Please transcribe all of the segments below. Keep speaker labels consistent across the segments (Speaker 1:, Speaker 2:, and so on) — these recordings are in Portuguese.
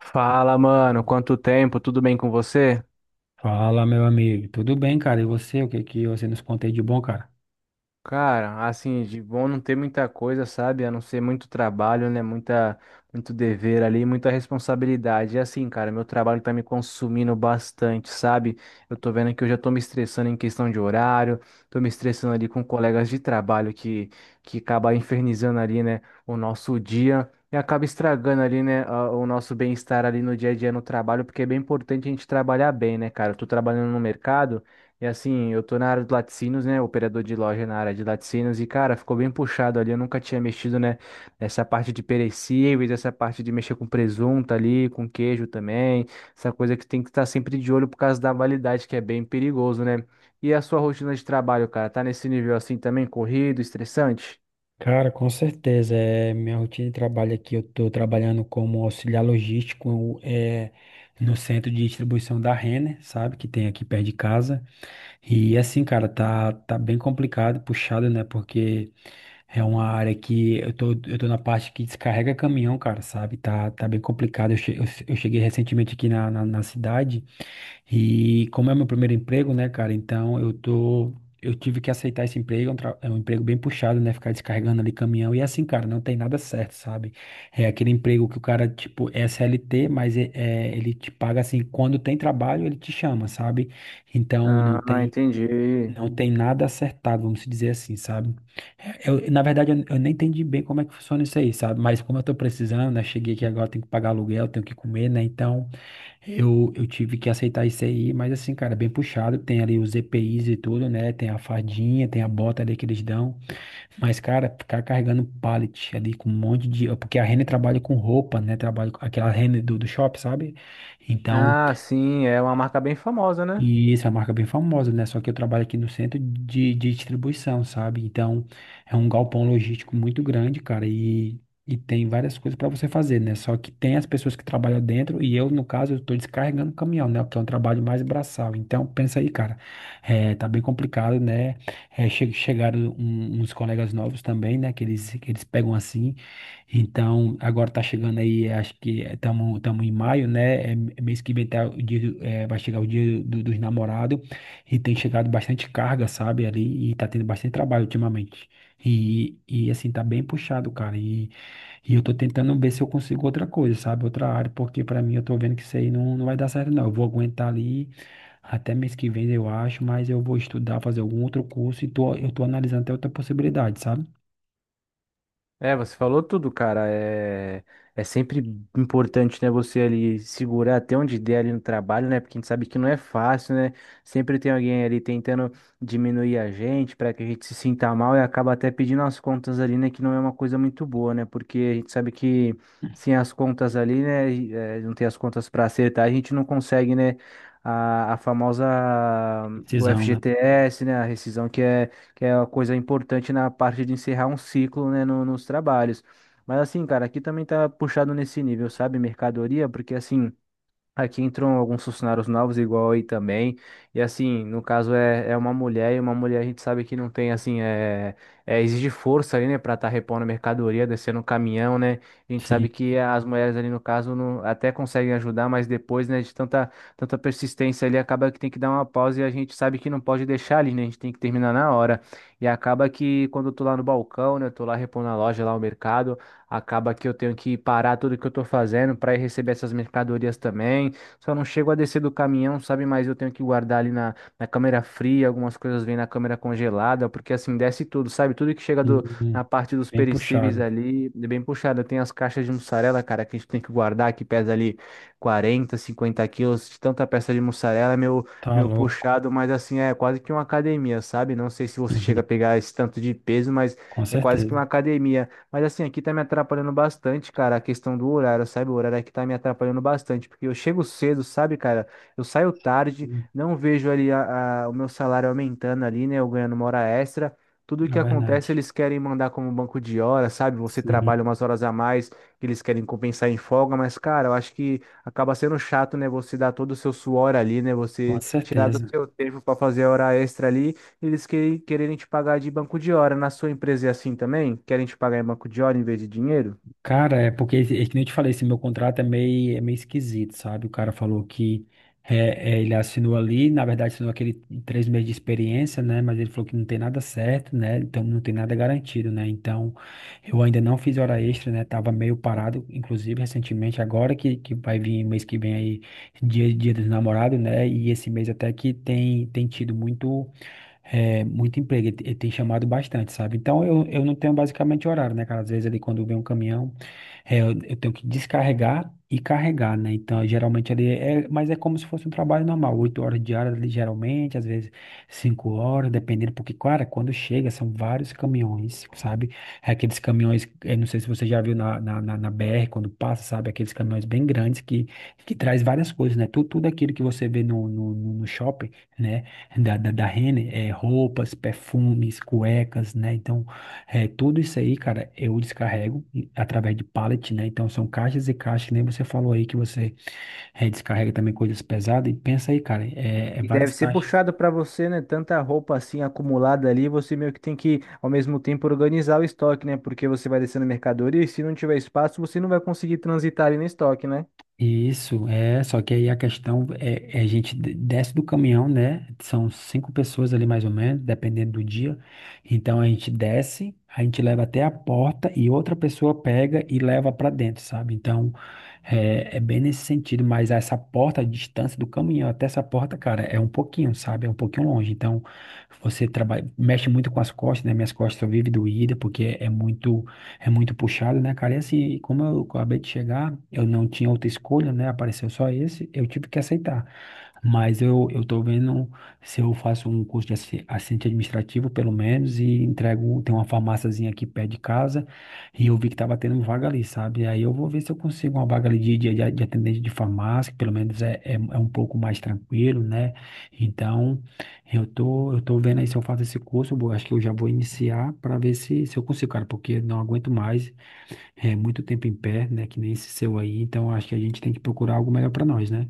Speaker 1: Fala, mano, quanto tempo? Tudo bem com você?
Speaker 2: Fala, meu amigo. Tudo bem, cara? E você? O que que você nos conta aí de bom, cara?
Speaker 1: Cara, assim, de bom não ter muita coisa, sabe? A não ser muito trabalho, né? Muito dever ali, muita responsabilidade. E assim, cara, meu trabalho tá me consumindo bastante, sabe? Eu tô vendo que eu já tô me estressando em questão de horário, tô me estressando ali com colegas de trabalho que acaba infernizando ali, né, o nosso dia. E acaba estragando ali, né, o nosso bem-estar ali no dia a dia no trabalho, porque é bem importante a gente trabalhar bem, né, cara? Eu tô trabalhando no mercado. E assim, eu tô na área de laticínios, né? Operador de loja na área de laticínios. E, cara, ficou bem puxado ali. Eu nunca tinha mexido, né? Nessa parte de perecíveis, essa parte de mexer com presunto ali, com queijo também. Essa coisa que tem que estar sempre de olho por causa da validade, que é bem perigoso, né? E a sua rotina de trabalho, cara? Tá nesse nível assim também? Corrido, estressante?
Speaker 2: Cara, com certeza. É, minha rotina de trabalho aqui, eu estou trabalhando como auxiliar logístico no centro de distribuição da Renner, sabe? Que tem aqui perto de casa. E assim, cara, tá bem complicado, puxado, né? Porque é uma área que eu tô na parte que descarrega caminhão, cara, sabe? Tá bem complicado. Eu cheguei recentemente aqui na, na cidade e como é meu primeiro emprego, né, cara? Então eu tive que aceitar esse emprego, é um emprego bem puxado, né? Ficar descarregando ali caminhão. E é assim, cara, não tem nada certo, sabe? É aquele emprego que o cara, tipo, é CLT, mas ele te paga assim, quando tem trabalho, ele te chama, sabe? Então não
Speaker 1: Ah,
Speaker 2: tem.
Speaker 1: entendi.
Speaker 2: Não tem nada acertado, vamos dizer assim, sabe? Eu, na verdade, eu nem entendi bem como é que funciona isso aí, sabe? Mas como eu tô precisando, né? Cheguei aqui agora, tenho que pagar aluguel, tenho que comer, né? Então, eu tive que aceitar isso aí, mas assim, cara, bem puxado. Tem ali os EPIs e tudo, né? Tem a fadinha, tem a bota ali que eles dão. Mas, cara, ficar carregando pallet ali com um monte de. Porque a Renner trabalha com roupa, né? Trabalha com aquela Renner do shopping, sabe? Então,
Speaker 1: Ah, sim, é uma marca bem famosa, né?
Speaker 2: e isso é uma marca bem famosa, né? Só que eu trabalho aqui no centro de distribuição, sabe? Então, é um galpão logístico muito grande, cara, e tem várias coisas para você fazer, né? Só que tem as pessoas que trabalham dentro e eu, no caso, eu tô descarregando o caminhão, né? Porque é um trabalho mais braçal. Então, pensa aí, cara, tá bem complicado, né? Chegaram uns colegas novos também, né? Que eles pegam assim. Então, agora tá chegando aí, acho que estamos em maio, né? Mês que vem tá o dia, vai chegar o dia dos namorados e tem chegado bastante carga, sabe, ali, e tá tendo bastante trabalho ultimamente. E assim, tá bem puxado, cara. E eu tô tentando ver se eu consigo outra coisa, sabe? Outra área, porque pra mim eu tô vendo que isso aí não, não vai dar certo, não. Eu vou aguentar ali até mês que vem, eu acho, mas eu vou estudar, fazer algum outro curso e tô, eu tô analisando até outra possibilidade, sabe?
Speaker 1: É, você falou tudo, cara. É sempre importante, né, você ali segurar até onde der ali no trabalho, né? Porque a gente sabe que não é fácil, né? Sempre tem alguém ali tentando diminuir a gente para que a gente se sinta mal e acaba até pedindo as contas ali, né? Que não é uma coisa muito boa, né? Porque a gente sabe que sem as contas ali, né? Não tem as contas para acertar, a gente não consegue, né? A famosa o
Speaker 2: Decisão, né?
Speaker 1: FGTS, né? A rescisão que é uma coisa importante na parte de encerrar um ciclo, né, nos trabalhos. Mas assim, cara, aqui também tá puxado nesse nível, sabe? Mercadoria, porque assim. Aqui entram alguns funcionários novos, igual aí também. E assim, no caso é uma mulher, e uma mulher a gente sabe que não tem, assim, exige força ali, né, pra estar repondo a mercadoria, descendo o caminhão, né? A gente sabe que as mulheres ali, no caso, não, até conseguem ajudar, mas depois, né, de tanta persistência ali, acaba que tem que dar uma pausa e a gente sabe que não pode deixar ali, né? A gente tem que terminar na hora. E acaba que quando eu tô lá no balcão, né, eu tô lá repondo a loja, lá o mercado. Acaba que eu tenho que parar tudo que eu tô fazendo para ir receber essas mercadorias também. Só não chego a descer do caminhão, sabe? Mas eu tenho que guardar ali na câmera fria, algumas coisas vêm na câmera congelada, porque assim desce tudo, sabe? Tudo que chega
Speaker 2: Sim.
Speaker 1: na parte dos
Speaker 2: Bem
Speaker 1: perecíveis
Speaker 2: puxado.
Speaker 1: ali, é bem puxado. Tem as caixas de mussarela, cara, que a gente tem que guardar, que pesa ali 40, 50 quilos de tanta peça de mussarela, é meu,
Speaker 2: Tá
Speaker 1: meu
Speaker 2: louco.
Speaker 1: puxado, mas assim, é quase que uma academia, sabe? Não sei se você chega
Speaker 2: Uhum.
Speaker 1: a pegar esse tanto de peso, mas
Speaker 2: Com
Speaker 1: é quase que
Speaker 2: certeza.
Speaker 1: uma academia. Mas assim, aqui tá me atrapalhando bastante, cara, a questão do horário, sabe? O horário aqui tá me atrapalhando bastante, porque eu chego cedo, sabe, cara? Eu saio tarde,
Speaker 2: Hum,
Speaker 1: não vejo ali o meu salário aumentando ali, né? Eu ganhando uma hora extra. Tudo
Speaker 2: É
Speaker 1: que
Speaker 2: verdade.
Speaker 1: acontece, eles querem mandar como banco de horas, sabe? Você
Speaker 2: Sim,
Speaker 1: trabalha umas horas a mais, que eles querem compensar em folga, mas, cara, eu acho que acaba sendo chato, né? Você dar todo o seu suor ali, né?
Speaker 2: com
Speaker 1: Você tirar do
Speaker 2: certeza.
Speaker 1: seu tempo para fazer a hora extra ali. Eles quererem te pagar de banco de hora. Na sua empresa é assim também? Querem te pagar em banco de hora em vez de dinheiro?
Speaker 2: Cara, é porque, é que nem eu te falei, esse meu contrato é meio, esquisito, sabe? O cara falou que ele assinou ali, na verdade assinou aquele 3 meses de experiência, né? Mas ele falou que não tem nada certo, né? Então não tem nada garantido, né? Então eu ainda não fiz hora extra, né? Tava meio parado, inclusive recentemente, agora que, vai vir mês que vem aí, dia dos namorados, né? E esse mês até que tem tido muito emprego, ele tem chamado bastante, sabe? Então eu não tenho basicamente horário, né, cara? Às vezes ali quando vem um caminhão, eu tenho que descarregar e carregar, né? Então geralmente ali mas é como se fosse um trabalho normal, 8 horas diárias ali geralmente, às vezes 5 horas, dependendo, porque, cara, quando chega são vários caminhões, sabe? É aqueles caminhões, eu não sei se você já viu na BR quando passa, sabe? Aqueles caminhões bem grandes que traz várias coisas, né? Tudo aquilo que você vê no shopping, né? da Renner, roupas, perfumes, cuecas, né? Então, tudo isso aí, cara, eu descarrego através de pallet, né? Então, são caixas e caixas, que nem você falou aí que você descarrega também coisas pesadas. E pensa aí, cara, é
Speaker 1: E
Speaker 2: várias
Speaker 1: deve ser
Speaker 2: caixas.
Speaker 1: puxado para você, né? Tanta roupa assim acumulada ali, você meio que tem que, ao mesmo tempo, organizar o estoque, né? Porque você vai descendo mercadoria e se não tiver espaço, você não vai conseguir transitar ali no estoque, né?
Speaker 2: Isso, só que aí a questão é a gente desce do caminhão, né? São 5 pessoas ali mais ou menos, dependendo do dia. Então a gente desce, a gente leva até a porta e outra pessoa pega e leva para dentro, sabe? Então é bem nesse sentido, mas essa porta, a distância do caminhão até essa porta, cara, é um pouquinho, sabe? É um pouquinho longe. Então você trabalha, mexe muito com as costas, né? Minhas costas só vivem doída porque é muito. É muito puxado, né, cara? E assim, como eu acabei de chegar, eu não tinha outra escolha, né? Apareceu só esse, eu tive que aceitar. Mas eu tô vendo se eu faço um curso de assistente administrativo, pelo menos, e entrego, tem uma farmáciazinha aqui perto de casa, e eu vi que tava tendo vaga ali, sabe? Aí eu vou ver se eu consigo uma vaga ali de, de atendente de farmácia, que pelo menos é um pouco mais tranquilo, né? Então. Eu tô vendo aí se eu faço esse curso, eu vou acho que eu já vou iniciar para ver se eu consigo, cara, porque não aguento mais, é muito tempo em pé, né, que nem esse seu aí, então acho que a gente tem que procurar algo melhor para nós, né?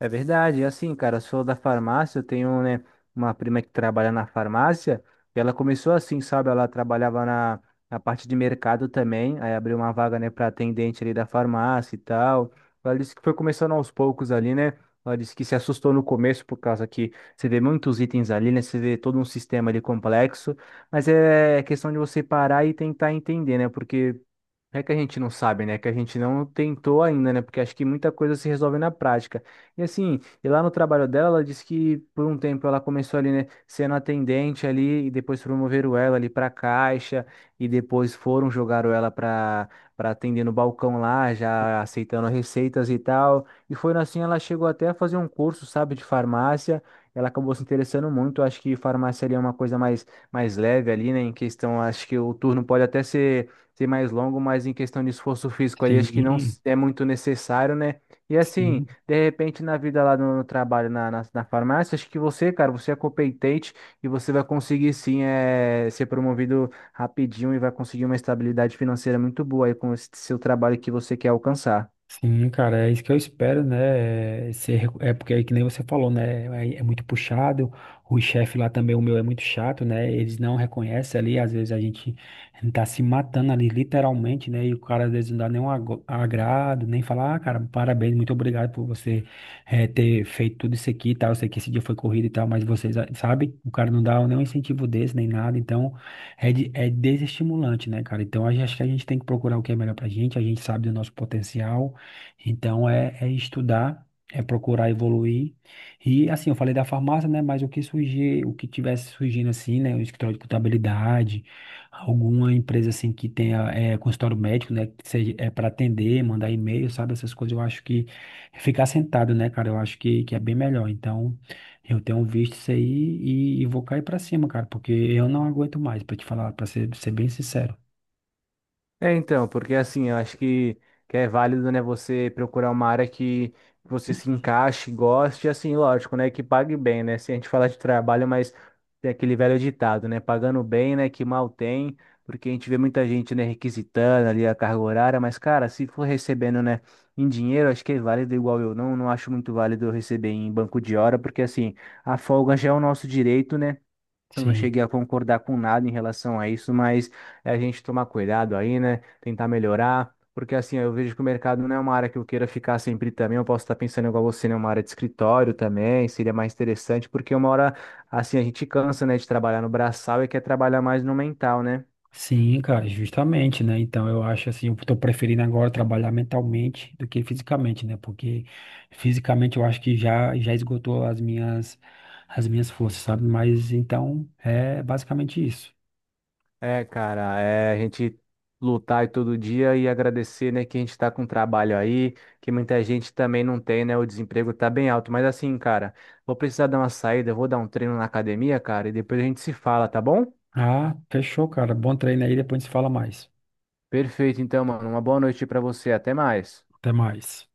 Speaker 1: É verdade, e assim, cara, eu sou da farmácia, eu tenho, né, uma prima que trabalha na farmácia, e ela começou assim, sabe? Ela trabalhava na parte de mercado também, aí abriu uma vaga, né, para atendente ali da farmácia e tal. Ela disse que foi começando aos poucos ali, né? Ela disse que se assustou no começo por causa que você vê muitos itens ali, né? Você vê todo um sistema ali complexo, mas é questão de você parar e tentar entender, né? Porque não é que a gente não sabe, né? É que a gente não tentou ainda, né? Porque acho que muita coisa se resolve na prática. E assim, e lá no trabalho dela, ela disse que por um tempo ela começou ali, né, sendo atendente ali, e depois promoveram ela ali para caixa, e depois foram jogaram ela para atender no balcão lá, já aceitando receitas e tal. E foi assim, ela chegou até a fazer um curso, sabe, de farmácia. Ela acabou se interessando muito. Acho que farmácia ali é uma coisa mais leve ali, né? Em questão, acho que o turno pode até ser mais longo, mas em questão de esforço físico ali, acho que não
Speaker 2: Sim,
Speaker 1: é muito necessário, né? E assim,
Speaker 2: sim.
Speaker 1: de repente na vida lá no trabalho, na farmácia, acho que você, cara, você é competente e você vai conseguir sim ser promovido rapidinho e vai conseguir uma estabilidade financeira muito boa aí com esse seu trabalho que você quer alcançar.
Speaker 2: Sim, cara, é isso que eu espero, né? É, ser é porque é que nem você falou, né? É, é muito puxado. O chefe lá também, o meu, é muito chato, né? Eles não reconhecem ali. Às vezes a gente tá se matando ali, literalmente, né? E o cara às vezes não dá nenhum ago- agrado, nem falar, ah, cara, parabéns, muito obrigado por você ter feito tudo isso aqui e tal. Eu sei que esse dia foi corrido e tal, mas vocês, ah, sabe? O cara não dá nenhum incentivo desse, nem nada. Então, é desestimulante, né, cara? Então, acho que a gente tem que procurar o que é melhor pra gente. A gente sabe do nosso potencial. Então é estudar, é procurar evoluir. E assim, eu falei da farmácia, né? Mas o que surgir, o que tivesse surgindo assim, né? O escritório de contabilidade, alguma empresa assim que tenha consultório médico, né? Que seja para atender, mandar e-mail, sabe? Essas coisas, eu acho que ficar sentado, né, cara? Eu acho que é bem melhor. Então, eu tenho visto isso aí e vou cair pra cima, cara, porque eu não aguento mais, pra te falar, pra ser, bem sincero.
Speaker 1: É, então, porque assim, eu acho que é válido, né, você procurar uma área que você se encaixe, goste, assim, lógico, né, que pague bem, né, se a gente falar de trabalho, mas tem aquele velho ditado, né, pagando bem, né, que mal tem, porque a gente vê muita gente, né, requisitando ali a carga horária, mas, cara, se for recebendo, né, em dinheiro, acho que é válido igual eu não acho muito válido eu receber em banco de hora, porque, assim, a folga já é o nosso direito, né, eu não
Speaker 2: Sim.
Speaker 1: cheguei a concordar com nada em relação a isso, mas é a gente tomar cuidado aí, né? Tentar melhorar, porque assim, eu vejo que o mercado não é uma área que eu queira ficar sempre também. Eu posso estar pensando igual você, né? Uma área de escritório também, seria mais interessante, porque uma hora, assim, a gente cansa, né, de trabalhar no braçal e quer trabalhar mais no mental, né?
Speaker 2: Sim, cara, justamente, né? Então eu acho assim, eu tô preferindo agora trabalhar mentalmente do que fisicamente, né? Porque fisicamente eu acho que já já esgotou as minhas forças, sabe? Mas então é basicamente isso.
Speaker 1: É, cara, é a gente lutar aí todo dia e agradecer, né, que a gente tá com trabalho aí, que muita gente também não tem, né, o desemprego tá bem alto. Mas assim, cara, vou precisar dar uma saída, vou dar um treino na academia, cara, e depois a gente se fala, tá bom?
Speaker 2: Ah, fechou, cara. Bom treino aí, depois a gente se fala mais.
Speaker 1: Perfeito, então, mano, uma boa noite pra você, até mais.
Speaker 2: Até mais.